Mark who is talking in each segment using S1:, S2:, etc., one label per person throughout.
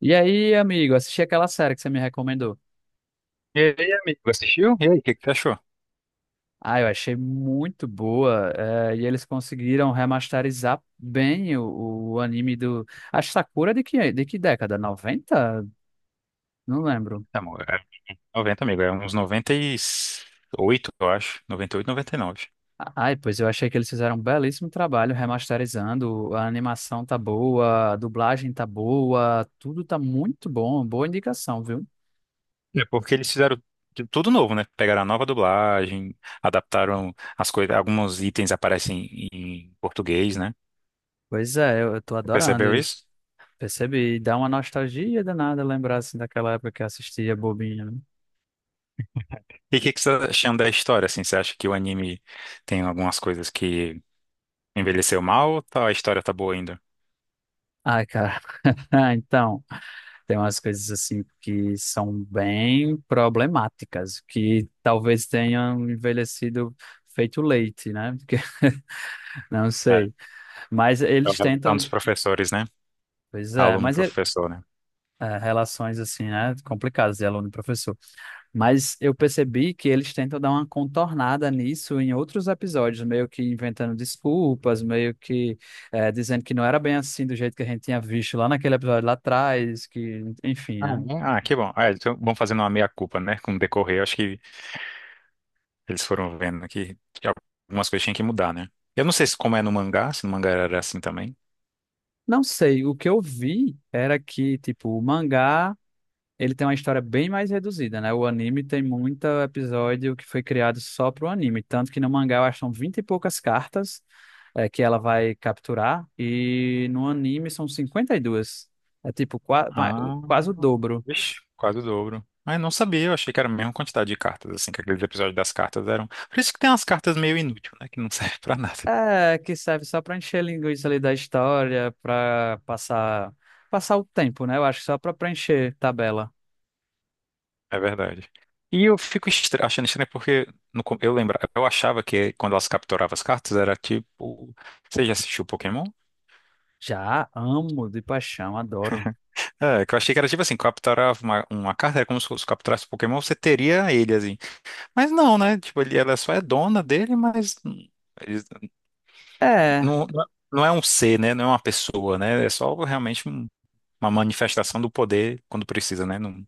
S1: E aí, amigo, assisti aquela série que você me recomendou.
S2: E aí, amigo, assistiu? E aí, o que que você achou?
S1: Ah, eu achei muito boa. E eles conseguiram remasterizar bem o anime do. A Sakura de de que década? 90? Não lembro.
S2: Tá, amor, é 90, amigo, é uns 98, eu acho. 98, 99.
S1: Ai, pois eu achei que eles fizeram um belíssimo trabalho remasterizando. A animação tá boa, a dublagem tá boa, tudo tá muito bom. Boa indicação, viu?
S2: É porque eles fizeram tudo novo, né? Pegaram a nova dublagem, adaptaram as coisas, alguns itens aparecem em português, né?
S1: Pois é, eu tô
S2: Você
S1: adorando.
S2: percebeu
S1: E
S2: isso?
S1: percebi, dá uma nostalgia danada lembrar assim daquela época que eu assistia bobinha, né?
S2: E o que que você tá achando da história, assim? Você acha que o anime tem algumas coisas que envelheceu mal ou a história tá boa ainda?
S1: Ai, cara. Ah, então, tem umas coisas assim que são bem problemáticas, que talvez tenham envelhecido feito leite, né? Porque, não
S2: É,
S1: sei. Mas
S2: é a
S1: eles
S2: relação dos
S1: tentam,
S2: professores, né?
S1: pois é, mas é,
S2: Aluno-professor, né?
S1: é, relações assim, né? Complicadas de aluno e professor. Mas eu percebi que eles tentam dar uma contornada nisso em outros episódios, meio que inventando desculpas, meio que é, dizendo que não era bem assim do jeito que a gente tinha visto lá naquele episódio lá atrás, que, enfim,
S2: Ah,
S1: né?
S2: é? Ah, que bom. Ah, então vão fazendo uma meia-culpa, né? Com o decorrer, eu acho que eles foram vendo que algumas coisas tinham que mudar, né? Eu não sei se como é no mangá, se no mangá era assim também.
S1: Não sei, o que eu vi era que, tipo, o mangá, ele tem uma história bem mais reduzida, né? O anime tem muito episódio que foi criado só pro anime, tanto que no mangá eu acho que são 20 e poucas cartas que ela vai capturar, e no anime são 52. É tipo
S2: Ah,
S1: quase o dobro.
S2: vixe, quase o dobro. Ah, eu não sabia, eu achei que era a mesma quantidade de cartas, assim, que aqueles episódios das cartas eram. Por isso que tem umas cartas meio inúteis, né? Que não serve pra nada.
S1: É, que serve só pra encher a linguiça ali da história, pra passar, passar o tempo, né? Eu acho que só pra preencher tabela.
S2: É verdade. E eu fico achando estranho porque no com- eu lembra, eu achava que quando elas capturavam as cartas era tipo. Você já assistiu Pokémon?
S1: Já amo de paixão, adoro.
S2: É, que eu achei que era tipo assim, capturar uma carta, era como se fosse capturasse um Pokémon, você teria ele, assim. Mas não, né? Tipo, ele, ela só é dona dele, mas eles-
S1: É.
S2: não, não é um ser, né? Não é uma pessoa, né? É só realmente uma manifestação do poder quando precisa, né? Não,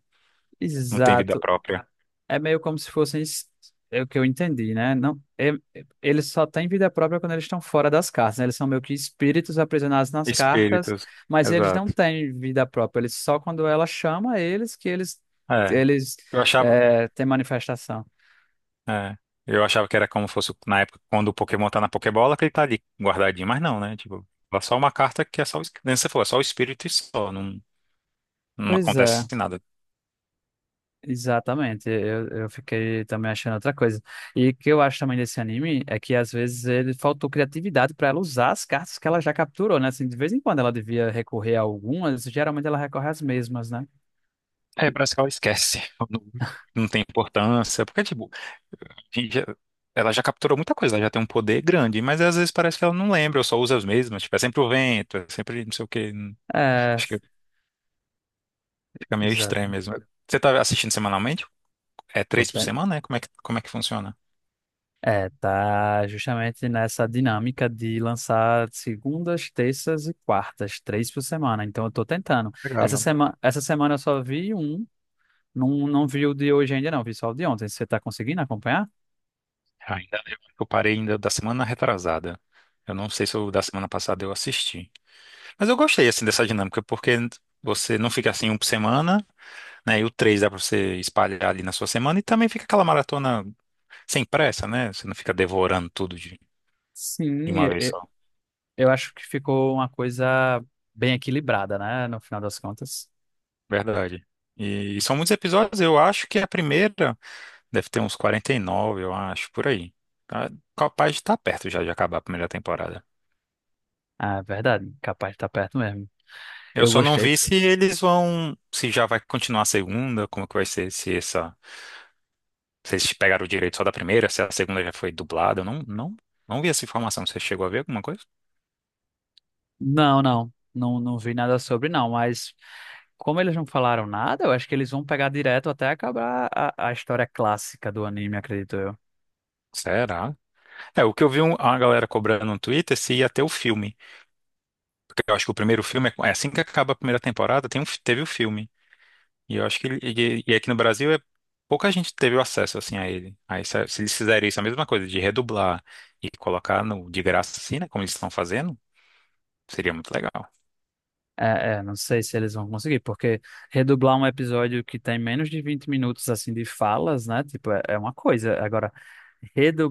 S2: não tem vida
S1: Exato.
S2: própria.
S1: É meio como se fossem, é o que eu entendi, né? Não, eles só têm vida própria quando eles estão fora das cartas, né? Eles são meio que espíritos aprisionados nas cartas,
S2: Espíritos.
S1: mas eles não
S2: Exato.
S1: têm vida própria. Eles só quando ela chama eles que eles
S2: É.
S1: eles
S2: Eu achava,
S1: é, têm manifestação.
S2: é, eu achava que era como fosse na época quando o Pokémon tá na Pokébola, que ele tá ali guardadinho, mas não, né? Tipo, é só uma carta que é só, nem você falou, é só o espírito e só, não, não
S1: Pois é.
S2: acontece nada.
S1: Exatamente, eu fiquei também achando outra coisa. E o que eu acho também desse anime é que às vezes ele faltou criatividade para ela usar as cartas que ela já capturou, né? Assim, de vez em quando ela devia recorrer a algumas, geralmente ela recorre às mesmas, né?
S2: É, parece que ela esquece. Não, não tem importância. Porque, tipo, a gente já- ela já capturou muita coisa, ela já tem um poder grande, mas às vezes parece que ela não lembra, ou só usa as mesmas. Tipo, é sempre o vento, é sempre não sei o quê.
S1: É,
S2: Acho que fica meio estranho
S1: exatamente.
S2: mesmo. Você tá assistindo semanalmente? É
S1: Tô
S2: três por
S1: ten-
S2: semana, né? Como é que funciona?
S1: É, tá justamente nessa dinâmica de lançar segundas, terças e quartas, três por semana. Então eu tô tentando.
S2: Legal.
S1: Essa semana eu só vi um, não, não vi o de hoje ainda não, vi só o de ontem. Você tá conseguindo acompanhar?
S2: Ainda, eu acho que eu parei ainda da semana retrasada. Eu não sei se o da semana passada eu assisti. Mas eu gostei, assim, dessa dinâmica, porque você não fica assim um por semana, né? E o 3 dá pra você espalhar ali na sua semana e também fica aquela maratona sem pressa, né? Você não fica devorando tudo de
S1: Sim,
S2: uma vez só.
S1: eu acho que ficou uma coisa bem equilibrada, né? No final das contas.
S2: Verdade. E, são muitos episódios, eu acho que a primeira deve ter uns 49 eu acho, por aí. Tá, capaz de estar perto já de acabar a primeira temporada.
S1: Ah, é verdade. Capaz de estar perto mesmo.
S2: Eu
S1: Eu
S2: só não
S1: gostei.
S2: vi se eles vão, se já vai continuar a segunda, como que vai ser, se essa, se eles pegaram o direito só da primeira, se a segunda já foi dublada, eu não vi essa informação. Você chegou a ver alguma coisa?
S1: Não, não. Não, não vi nada sobre, não. Mas como eles não falaram nada, eu acho que eles vão pegar direto até acabar a história clássica do anime, acredito eu.
S2: Será? É, o que eu vi a galera cobrando no Twitter se ia ter o filme. Porque eu acho que o primeiro filme, é assim que acaba a primeira temporada, teve o filme. E eu acho que e aqui no Brasil é, pouca gente teve o acesso assim a ele. Aí se eles fizerem isso, é a mesma coisa, de redublar e colocar no, de graça assim, né? Como eles estão fazendo, seria muito legal.
S1: É, é, não sei se eles vão conseguir, porque redublar um episódio que tem menos de 20 minutos assim de falas, né? Tipo, é, é uma coisa. Agora,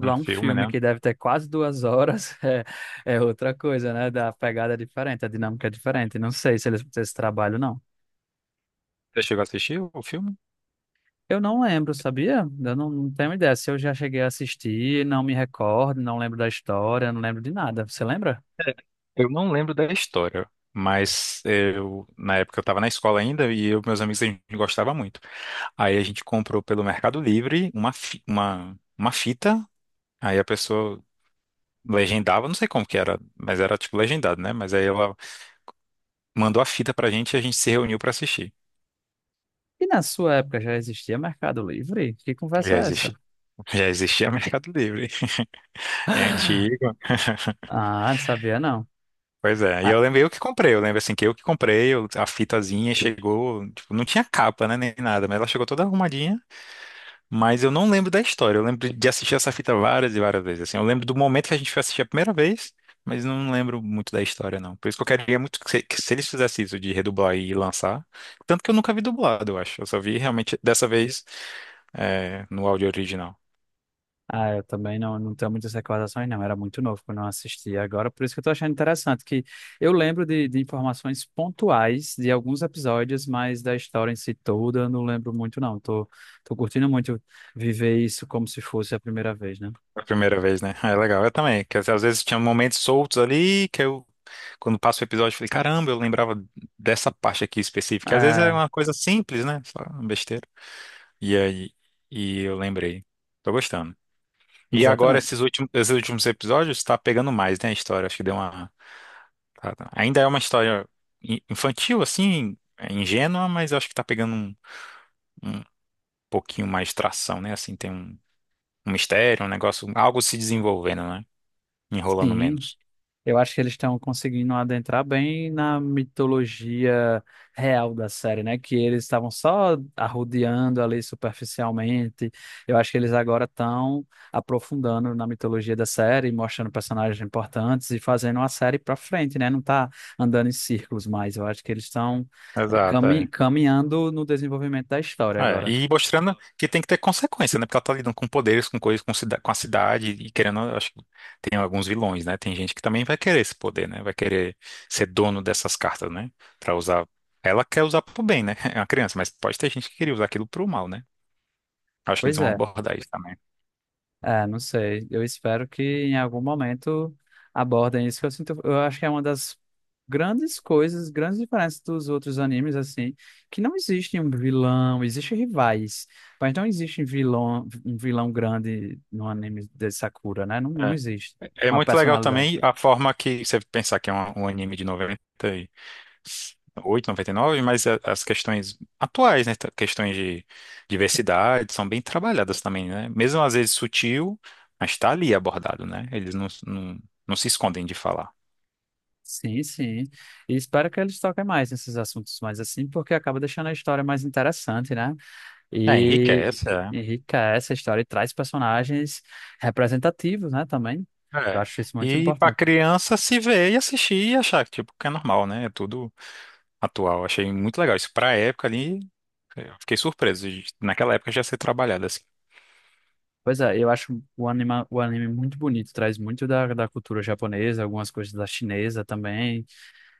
S2: Um
S1: um
S2: filme,
S1: filme
S2: né?
S1: que deve ter quase duas horas é, é outra coisa, né? Da pegada é diferente, a dinâmica é diferente. Não sei se eles vão ter esse trabalho, não.
S2: Você chegou a assistir o filme?
S1: Eu não lembro, sabia? Eu não, não tenho ideia. Se eu já cheguei a assistir, não me recordo, não lembro da história, não lembro de nada. Você lembra?
S2: Eu não lembro da história, mas eu, na época eu tava na escola ainda e eu, meus amigos a gente gostava muito. Aí a gente comprou pelo Mercado Livre uma fita. Aí a pessoa legendava, não sei como que era, mas era tipo legendado, né? Mas aí ela mandou a fita pra gente e a gente se reuniu pra assistir.
S1: E na sua época já existia Mercado Livre? Que
S2: Já
S1: conversa é
S2: existia,
S1: essa?
S2: já existia Mercado Livre. É antigo.
S1: Ah, não sabia não.
S2: Pois é. E
S1: Ah,
S2: eu lembrei eu que comprei. Eu lembro assim que eu que comprei, a fitazinha chegou, tipo, não tinha capa, né? Nem nada, mas ela chegou toda arrumadinha. Mas eu não lembro da história. Eu lembro de assistir essa fita várias e várias vezes. Assim, eu lembro do momento que a gente foi assistir a primeira vez, mas não lembro muito da história, não. Por isso que eu queria muito que se eles fizessem isso de redublar e lançar. Tanto que eu nunca vi dublado, eu acho. Eu só vi realmente dessa vez no áudio original.
S1: ah, eu também não, não tenho muitas recordações, não. Era muito novo quando eu assisti. Agora, por isso que eu tô achando interessante, que eu lembro de informações pontuais de alguns episódios, mas da história em si toda eu não lembro muito, não. Tô, tô curtindo muito viver isso como se fosse a primeira vez, né?
S2: A primeira vez, né? Ah, é legal. Eu também. Que às vezes tinha momentos soltos ali que eu, quando passo o episódio, eu falei, caramba, eu lembrava dessa parte aqui específica. Que às vezes é
S1: Ah,
S2: uma coisa simples, né? Só uma besteira. E aí, e eu lembrei. Tô gostando. E agora,
S1: exatamente.
S2: esses últimos episódios, tá pegando mais, né, a história. Acho que deu uma. Ainda é uma história infantil, assim, é ingênua, mas eu acho que tá pegando um pouquinho mais tração, né? Assim, tem um mistério, um negócio, algo se desenvolvendo, né? Enrolando
S1: Sim.
S2: menos.
S1: Eu acho que eles estão conseguindo adentrar bem na mitologia real da série, né? Que eles estavam só arrodeando ali superficialmente. Eu acho que eles agora estão aprofundando na mitologia da série, mostrando personagens importantes e fazendo a série para frente, né? Não tá andando em círculos mais. Eu acho que eles estão
S2: Exato, é.
S1: caminhando no desenvolvimento da história
S2: É,
S1: agora.
S2: e mostrando que tem que ter consequência, né? Porque ela tá lidando com poderes, com coisas, com a cidade e querendo, eu acho que tem alguns vilões, né? Tem gente que também vai querer esse poder, né? Vai querer ser dono dessas cartas, né? Pra usar. Ela quer usar pro bem, né? É uma criança, mas pode ter gente que queria usar aquilo pro mal, né? Acho que eles
S1: Pois
S2: vão
S1: é.
S2: abordar isso também.
S1: É, não sei. Eu espero que em algum momento abordem isso, que eu sinto, eu acho que é uma das grandes coisas, grandes diferenças dos outros animes, assim, que não existe um vilão, existe rivais, mas não existe um vilão grande no anime de Sakura, né? Não, não
S2: É,
S1: existe
S2: é
S1: uma
S2: muito legal
S1: personalidade.
S2: também a forma que você pensar que é um anime de 90 oito e 99, mas as questões atuais, né? Questões de diversidade são bem trabalhadas também, né? Mesmo às vezes sutil, mas está ali abordado, né? Eles não, não, não se escondem de falar.
S1: Sim, sim. E espero que eles toquem mais nesses assuntos mais assim, porque acaba deixando a história mais interessante, né?
S2: É,
S1: E
S2: enriquece, é.
S1: enriquece a história e traz personagens representativos, né, também. Eu
S2: É.
S1: acho isso muito
S2: E para
S1: importante.
S2: criança se ver e assistir e achar que, tipo, que é normal, né? É tudo atual. Achei muito legal. Isso para a época ali, eu fiquei surpreso de, naquela época já ser trabalhado assim.
S1: Pois é, eu acho o anime muito bonito, traz muito da cultura japonesa, algumas coisas da chinesa também.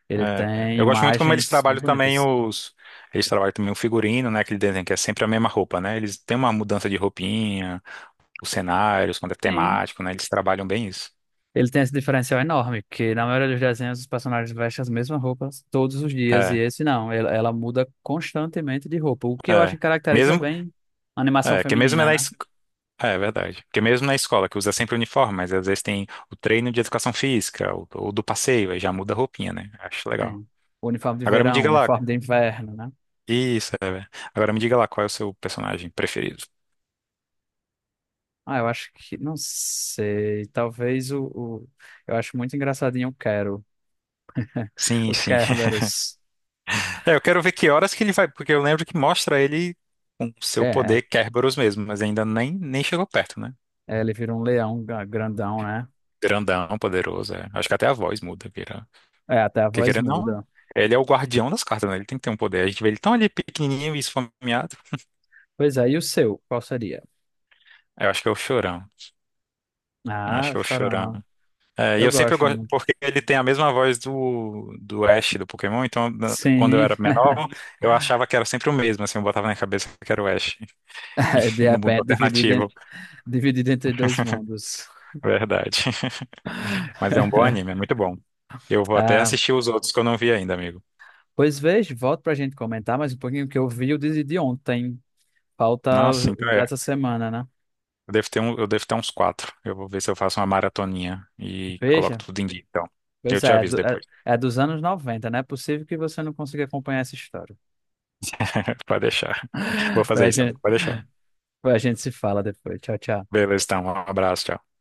S1: Ele
S2: É,
S1: tem
S2: eu gosto muito como eles
S1: imagens
S2: trabalham
S1: muito
S2: também
S1: bonitas.
S2: os. Eles trabalham também o figurino, né? Aquele desenho que é sempre a mesma roupa, né? Eles têm uma mudança de roupinha, os cenários, quando é
S1: Sim.
S2: temático, né? Eles trabalham bem isso.
S1: Ele tem esse diferencial enorme, que na maioria dos desenhos os personagens vestem as mesmas roupas todos os dias, e
S2: É,
S1: esse não, ela muda constantemente de roupa, o que eu acho
S2: é.
S1: que caracteriza
S2: Mesmo,
S1: bem a animação
S2: é, que mesmo é
S1: feminina,
S2: na,
S1: né?
S2: é, é verdade. Porque mesmo na escola, que usa sempre uniforme, mas às vezes tem o treino de educação física, ou do passeio, aí já muda a roupinha, né? Acho legal.
S1: Sim. Uniforme de
S2: Agora me
S1: verão,
S2: diga lá.
S1: uniforme de inverno, né?
S2: Isso, é. Agora me diga lá qual é o seu personagem preferido.
S1: Ah, eu acho que, não sei, talvez eu acho muito engraçadinho o Quero,
S2: Sim,
S1: o
S2: sim.
S1: Kerberos.
S2: É, eu quero ver que horas que ele vai, porque eu lembro que mostra ele com seu
S1: É,
S2: poder Kerberos mesmo, mas ainda nem chegou perto, né?
S1: é, ele vira um leão grandão, né?
S2: Grandão, poderoso, é. Acho que até a voz muda, vira.
S1: É, até a
S2: Porque
S1: voz
S2: querendo ou não,
S1: muda.
S2: ele é o guardião das cartas, né? Ele tem que ter um poder. A gente vê ele tão ali pequenininho e esfomeado.
S1: Pois é, e o seu, qual seria?
S2: Eu acho que é o Chorão. Eu acho
S1: Ah,
S2: que
S1: o
S2: é o Chorão.
S1: Chorão.
S2: É, e
S1: Eu
S2: eu sempre
S1: gosto.
S2: gosto, porque ele tem a mesma voz do Ash do Pokémon, então quando eu
S1: Sim,
S2: era menor, eu achava que era sempre o mesmo, assim, eu botava na cabeça que era o Ash
S1: é, de
S2: no mundo
S1: repente
S2: alternativo,
S1: dividido entre dois mundos.
S2: verdade. Mas é um bom anime, é muito bom. Eu vou até
S1: Ah,
S2: assistir os outros que eu não vi ainda, amigo.
S1: pois veja, volto pra gente comentar mais um pouquinho, que eu vi o de ontem. Falta
S2: Nossa, então
S1: o
S2: é.
S1: dessa semana, né?
S2: Eu devo ter uns quatro. Eu vou ver se eu faço uma maratoninha e coloco
S1: Veja,
S2: tudo em dia. Então, eu
S1: pois
S2: te
S1: é, é,
S2: aviso depois.
S1: é dos anos 90, né? É possível que você não consiga acompanhar essa história.
S2: Pode deixar. Vou
S1: Pois
S2: fazer
S1: a
S2: isso, amigo.
S1: gente,
S2: Pode deixar.
S1: pois a gente se fala depois. Tchau, tchau.
S2: Beleza, então. Um abraço, tchau.